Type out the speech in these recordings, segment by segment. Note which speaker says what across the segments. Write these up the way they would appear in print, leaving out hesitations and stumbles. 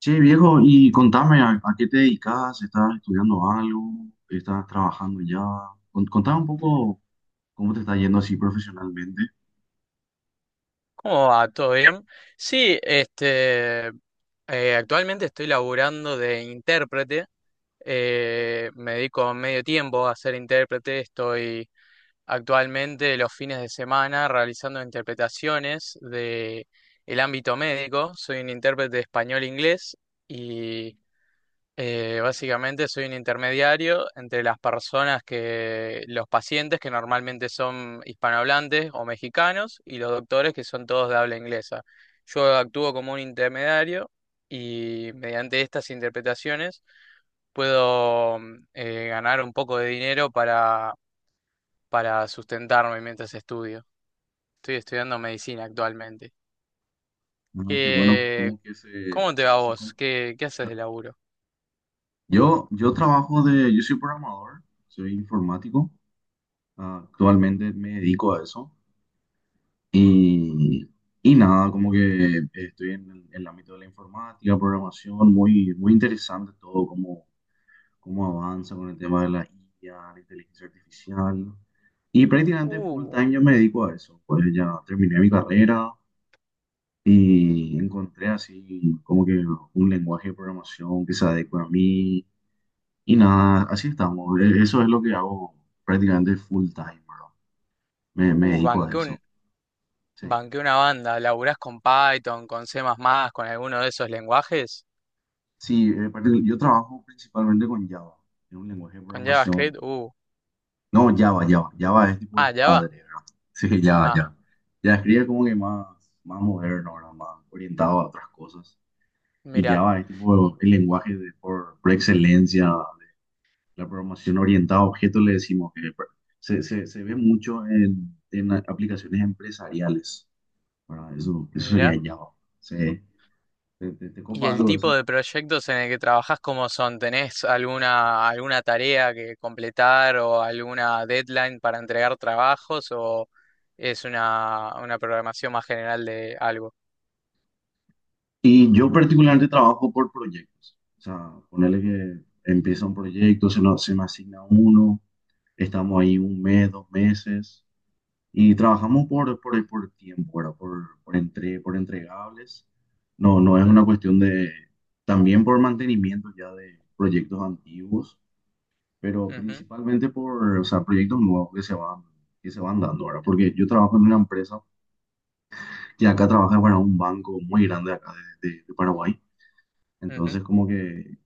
Speaker 1: Che, viejo, y contame, ¿a qué te dedicas? ¿Estás estudiando algo? ¿Estás trabajando ya? Contame un poco cómo te está yendo así profesionalmente.
Speaker 2: ¿Cómo va? ¿Todo bien? Sí, actualmente estoy laburando de intérprete. Me dedico medio tiempo a ser intérprete. Estoy actualmente los fines de semana realizando interpretaciones de el ámbito médico. Soy un intérprete de español-inglés. Básicamente soy un intermediario entre las los pacientes que normalmente son hispanohablantes o mexicanos y los doctores que son todos de habla inglesa. Yo actúo como un intermediario y mediante estas interpretaciones puedo ganar un poco de dinero para sustentarme mientras estudio. Estoy estudiando medicina actualmente.
Speaker 1: Ah, qué bueno,
Speaker 2: ¿Qué-
Speaker 1: cómo que se,
Speaker 2: ¿Cómo te va a
Speaker 1: se, se
Speaker 2: vos?
Speaker 1: con-
Speaker 2: ¿Qué haces de
Speaker 1: tra-
Speaker 2: laburo?
Speaker 1: Yo trabajo de, yo soy programador, soy informático, ah, actualmente me dedico a eso. Y, y nada, como que estoy en en el ámbito de la informática, programación, muy interesante todo, cómo avanza con el tema de la IA, la inteligencia artificial. Y prácticamente full
Speaker 2: Uh,
Speaker 1: time yo me dedico a eso. Pues ya terminé mi carrera y encontré así como que un lenguaje de programación que se adecue a mí. Y nada, así estamos. Eso es lo que hago prácticamente full time, bro. Me
Speaker 2: uh,
Speaker 1: dedico a
Speaker 2: banqué un-
Speaker 1: eso. Sí,
Speaker 2: Banqué una banda. ¿Laburás con Python, con C++, con alguno de esos lenguajes?
Speaker 1: yo trabajo principalmente con Java. Es un lenguaje de
Speaker 2: ¿Con
Speaker 1: programación.
Speaker 2: JavaScript?
Speaker 1: No, Java, Java. Java es tipo el padre,
Speaker 2: Java.
Speaker 1: ¿verdad? Sí, Java,
Speaker 2: Ah,
Speaker 1: Java. JavaScript es como que más, más moderno, ¿verdad? Más orientado a otras cosas. Y
Speaker 2: mira,
Speaker 1: Java es tipo el lenguaje por excelencia de la programación orientada a objetos, le decimos que se ve mucho en, aplicaciones empresariales, ¿verdad? Eso sería
Speaker 2: mira.
Speaker 1: Java. Sí. ¿Te
Speaker 2: ¿Y
Speaker 1: copa
Speaker 2: el
Speaker 1: algo de
Speaker 2: tipo
Speaker 1: eso?
Speaker 2: de proyectos en el que trabajás cómo son? ¿Tenés alguna tarea que completar o alguna deadline para entregar trabajos o es una programación más general de algo?
Speaker 1: Y yo particularmente trabajo por proyectos. O sea, ponerle que empieza un proyecto, se me asigna uno. Estamos ahí un mes, dos meses y trabajamos por tiempo, ¿verdad? Por entregables. No, no es una
Speaker 2: Mm,
Speaker 1: cuestión de, también por mantenimiento ya de proyectos antiguos, pero
Speaker 2: ujú,
Speaker 1: principalmente por, o sea, proyectos nuevos que se van dando ahora, porque yo trabajo en una empresa que acá trabaja para un banco muy grande acá de Paraguay,
Speaker 2: ujú.
Speaker 1: entonces como que.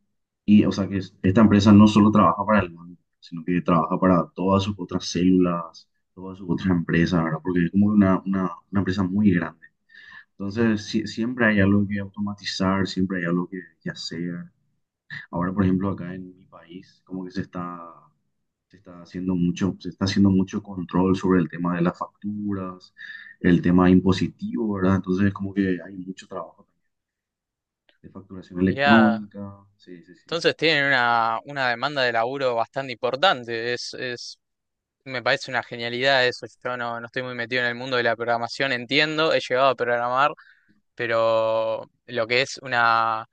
Speaker 1: Y, o sea, que esta empresa no solo trabaja para el banco, sino que trabaja para todas sus otras células, todas sus otras empresas, ¿verdad? Porque es como una empresa muy grande. Entonces, siempre hay algo que automatizar, siempre hay algo que hacer. Ahora, por ejemplo, acá en mi país, como que se está haciendo mucho, se está haciendo mucho control sobre el tema de las facturas, el tema impositivo, ¿verdad? Entonces, como que hay mucho trabajo de facturación
Speaker 2: Mirá,
Speaker 1: electrónica, sí, sí, sí.
Speaker 2: entonces tienen una demanda de laburo bastante importante. Es Me parece una genialidad eso. Yo no estoy muy metido en el mundo de la programación, entiendo, he llegado a programar, pero lo que es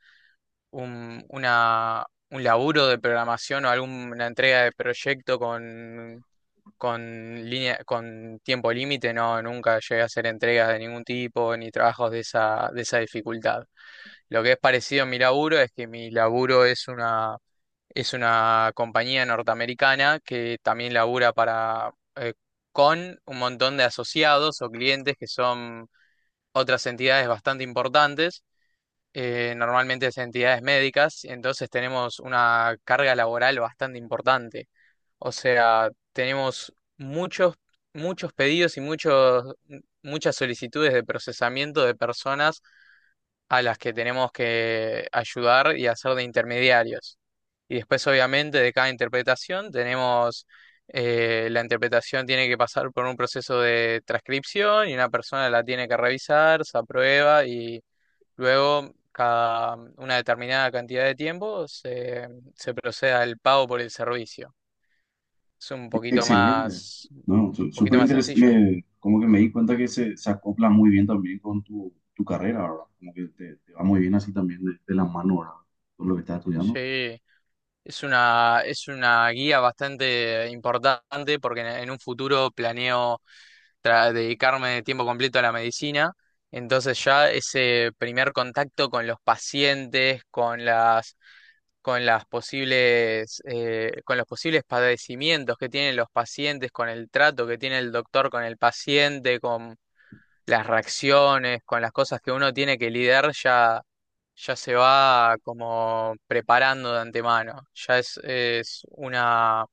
Speaker 2: un, una, un laburo de programación o alguna entrega de proyecto con línea, con tiempo límite, no, nunca llegué a hacer entregas de ningún tipo ni trabajos de de esa dificultad. Lo que es parecido a mi laburo es que mi laburo es una compañía norteamericana que también labura para, con un montón de asociados o clientes que son otras entidades bastante importantes, normalmente es entidades médicas, entonces tenemos una carga laboral bastante importante. O sea, tenemos muchos, muchos pedidos y muchas solicitudes de procesamiento de personas a las que tenemos que ayudar y hacer de intermediarios. Y después, obviamente, de cada interpretación la interpretación tiene que pasar por un proceso de transcripción y una persona la tiene que revisar, se aprueba y luego cada una determinada cantidad de tiempo se procede al pago por el servicio. Es
Speaker 1: Excelente.
Speaker 2: un
Speaker 1: No, no,
Speaker 2: poquito
Speaker 1: súper
Speaker 2: más
Speaker 1: interesante.
Speaker 2: sencillo.
Speaker 1: Como que me di cuenta que se acopla muy bien también con tu, tu carrera, ¿verdad? Como que te va muy bien así también de la mano, ¿verdad? Con lo que estás estudiando.
Speaker 2: Sí. Es es una guía bastante importante porque en un futuro planeo dedicarme de tiempo completo a la medicina. Entonces ya ese primer contacto con los pacientes, con las posibles, con los posibles padecimientos que tienen los pacientes, con el trato que tiene el doctor con el paciente, con las reacciones, con las cosas que uno tiene que lidiar ya se va como preparando de antemano, es una,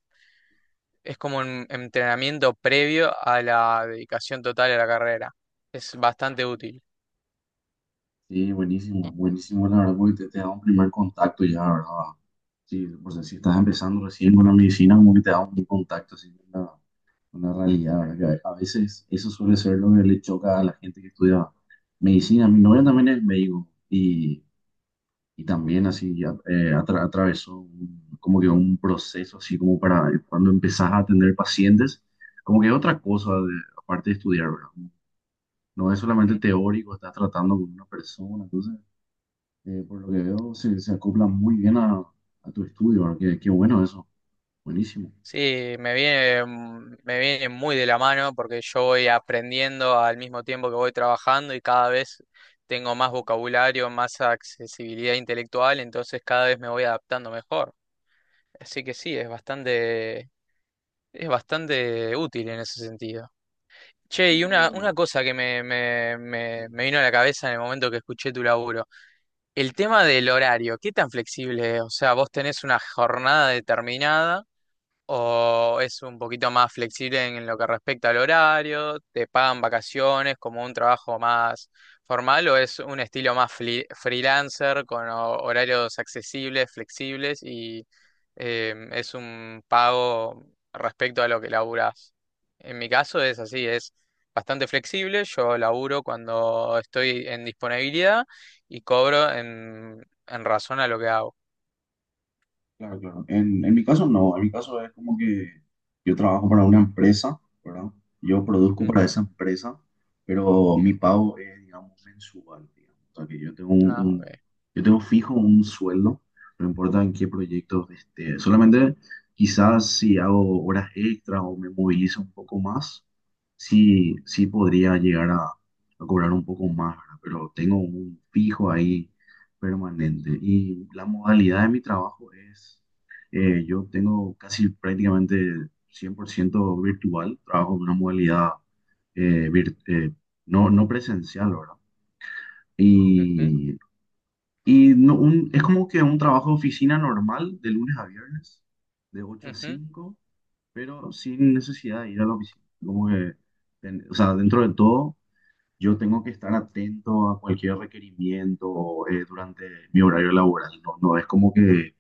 Speaker 2: es como un entrenamiento previo a la dedicación total a la carrera. Es bastante útil.
Speaker 1: Sí, buenísimo, buenísimo, la verdad, porque te da un primer contacto ya, ¿verdad? Sí, pues si estás empezando recién con la medicina, como que te da un primer contacto así con la realidad, ¿verdad? Que a veces eso suele ser lo que le choca a la gente que estudia medicina. Mi novia también es médico. Y también así ya, atravesó como que un proceso así como para cuando empezás a atender pacientes, como que otra cosa aparte de estudiar, ¿verdad? No es solamente
Speaker 2: Ujú.
Speaker 1: teórico, estás tratando con una persona, entonces por lo que veo se, se acopla muy bien a tu estudio, ¿verdad? Qué, qué bueno eso, buenísimo.
Speaker 2: Sí, me viene muy de la mano porque yo voy aprendiendo al mismo tiempo que voy trabajando y cada vez tengo más vocabulario, más accesibilidad intelectual, entonces cada vez me voy adaptando mejor. Así que sí, es bastante útil en ese sentido. Che,
Speaker 1: Sí,
Speaker 2: y una
Speaker 1: pero...
Speaker 2: cosa que
Speaker 1: sí.
Speaker 2: me vino a la cabeza en el momento que escuché tu laburo, el tema del horario, ¿qué tan flexible es? O sea, ¿vos tenés una jornada determinada o es un poquito más flexible en lo que respecta al horario, te pagan vacaciones como un trabajo más formal o es un estilo más freelancer con horarios accesibles, flexibles y es un pago respecto a lo que laburas? En mi caso es así, es bastante flexible, yo laburo cuando estoy en disponibilidad y cobro en razón a lo que hago.
Speaker 1: Claro, claro. En mi caso no, en mi caso es como que yo trabajo para una empresa, ¿verdad? Yo produzco para
Speaker 2: Ujú,
Speaker 1: esa empresa, pero mi
Speaker 2: ujú.
Speaker 1: pago es, digamos, mensual, digamos. O sea que yo tengo
Speaker 2: Ah, ok.
Speaker 1: yo tengo fijo un sueldo, no importa en qué proyecto esté. Solamente quizás si hago horas extras o me movilizo un poco más, sí, sí podría llegar a cobrar un poco más, ¿verdad? Pero tengo un fijo ahí permanente. Y la modalidad de mi trabajo es, yo tengo casi prácticamente 100% virtual, trabajo en una modalidad eh, vir- eh, no, no presencial, ¿verdad?
Speaker 2: Ujú,
Speaker 1: Y, y no, es como que un trabajo de oficina normal de lunes a viernes, de ocho a
Speaker 2: ujú.
Speaker 1: cinco, pero sin necesidad de ir a la oficina. Como que, o sea, dentro de todo, yo tengo que estar atento a cualquier requerimiento durante mi horario laboral. No, no es como que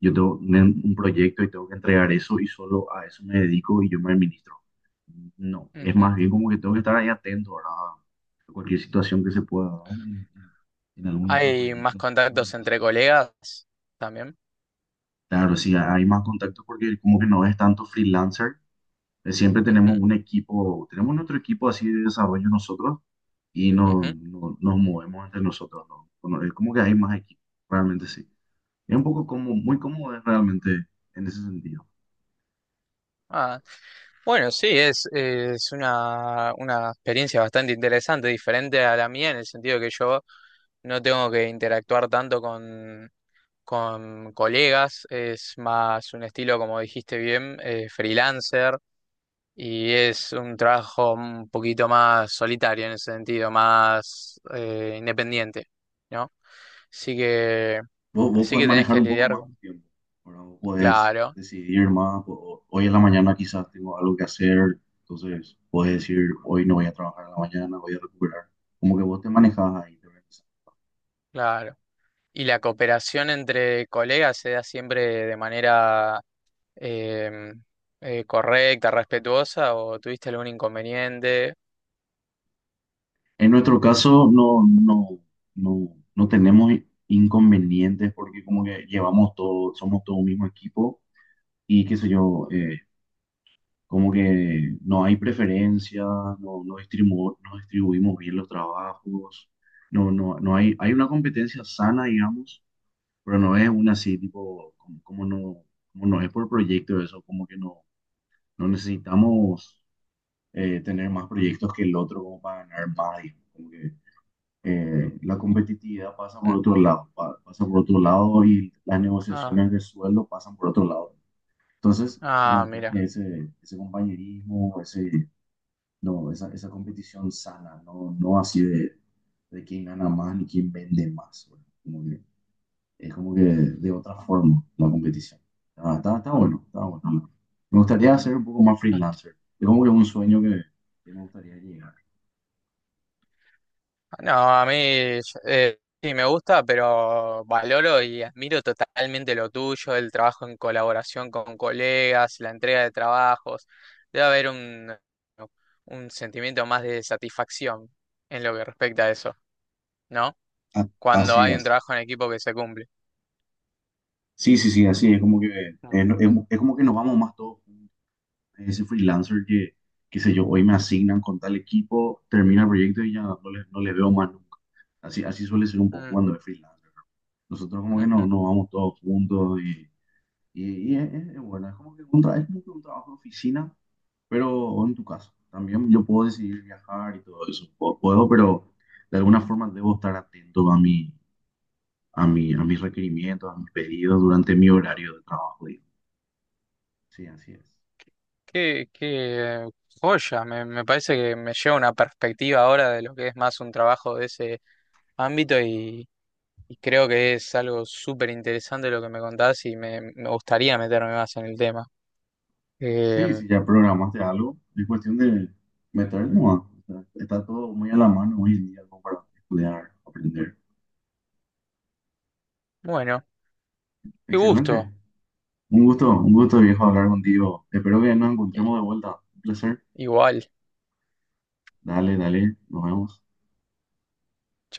Speaker 1: yo tengo un proyecto y tengo que entregar eso y solo a eso me dedico y yo me administro. No, es más
Speaker 2: Ujú.
Speaker 1: bien como que tengo que estar ahí atento, ¿verdad? A cualquier situación que se pueda dar en algún otro
Speaker 2: Hay más
Speaker 1: proyecto.
Speaker 2: contactos entre colegas también.
Speaker 1: Claro, sí, hay más contacto porque como que no es tanto freelancer. Siempre tenemos
Speaker 2: Ujú,
Speaker 1: un equipo, tenemos nuestro equipo así de desarrollo nosotros y no,
Speaker 2: ujú.
Speaker 1: nos movemos entre nosotros, ¿no? Bueno, es como que hay más equipo, realmente sí. Es un poco como, muy cómodo es realmente en ese sentido.
Speaker 2: Ah, bueno, sí, es una experiencia bastante interesante, diferente a la mía, en el sentido que yo no tengo que interactuar tanto con colegas, es más un estilo, como dijiste bien, freelancer. Y es un trabajo un poquito más solitario en ese sentido, más independiente, ¿no? Así que,
Speaker 1: Vos
Speaker 2: así
Speaker 1: podés
Speaker 2: que tenés
Speaker 1: manejar
Speaker 2: que
Speaker 1: un poco
Speaker 2: lidiar
Speaker 1: más tu
Speaker 2: con...
Speaker 1: tiempo, ¿verdad? Vos podés
Speaker 2: Claro,
Speaker 1: decidir más, hoy en la mañana quizás tengo algo que hacer, entonces podés decir, hoy no voy a trabajar en la mañana, voy a recuperar. Como que vos te manejas ahí, ¿verdad?
Speaker 2: claro. Y la cooperación entre colegas se da siempre de manera em, correcta, respetuosa, o tuviste algún inconveniente.
Speaker 1: En nuestro caso no, no tenemos inconvenientes porque como que llevamos todo, somos todo un mismo equipo y qué sé yo, como que no hay preferencia, no, no, no distribuimos bien los trabajos, no hay, hay una competencia sana, digamos, pero no es una así tipo, como, como no es por proyecto eso, como que no, no necesitamos tener más proyectos que el otro como para ganar más, digamos, como que la competitividad pasa por
Speaker 2: Mm,
Speaker 1: otro lado, pasa por otro lado y las
Speaker 2: ah,
Speaker 1: negociaciones de sueldo pasan por otro lado. Entonces, se
Speaker 2: mira.
Speaker 1: mantiene ese, ese compañerismo, ese, no, esa competición sana, no, no así de quién gana más ni quién vende más, ¿verdad? Es como que de otra forma la competición. Ah, está, está bueno, está bueno. Me gustaría ser un poco más freelancer. Es como que un sueño que me gustaría llegar.
Speaker 2: No, a mí sí me gusta, pero valoro y admiro totalmente lo tuyo, el trabajo en colaboración con colegas, la entrega de trabajos. Debe haber un sentimiento más de satisfacción en lo que respecta a eso, ¿no? Cuando
Speaker 1: Así
Speaker 2: hay un
Speaker 1: es.
Speaker 2: trabajo en equipo que se cumple.
Speaker 1: Sí, sí, sí, así es como que
Speaker 2: Mm,
Speaker 1: es, como que nos vamos más todos juntos. Ese freelancer que, qué sé yo, hoy me asignan con tal equipo, termina el proyecto y ya no le veo más nunca. Así, así suele ser un poco
Speaker 2: mm,
Speaker 1: cuando es freelancer, ¿no? Nosotros como que
Speaker 2: ujú.
Speaker 1: nos vamos todos juntos y, y es, es bueno, es como que un, es como que un trabajo de oficina, pero o en tu caso, también yo puedo decidir viajar y todo eso, puedo, puedo, pero de alguna forma debo estar atento a mi, a mi, a mis requerimientos, a mis pedidos durante mi horario de trabajo. Sí, así es.
Speaker 2: Qué joya, me parece que me lleva una perspectiva ahora de lo que es más un trabajo de ese ámbito. Y creo que es algo súper interesante lo que me contás y me gustaría meterme más en el tema. Eh,
Speaker 1: Sí, si ya programaste algo, es cuestión de meter nomás. O sea, está todo muy a la mano hoy en día como para estudiar, aprender.
Speaker 2: bueno, qué
Speaker 1: Excelente.
Speaker 2: gusto.
Speaker 1: Un gusto, viejo, hablar contigo. Espero que nos
Speaker 2: Eh,
Speaker 1: encontremos de vuelta. Un placer.
Speaker 2: Igual.
Speaker 1: Dale, dale, nos vemos.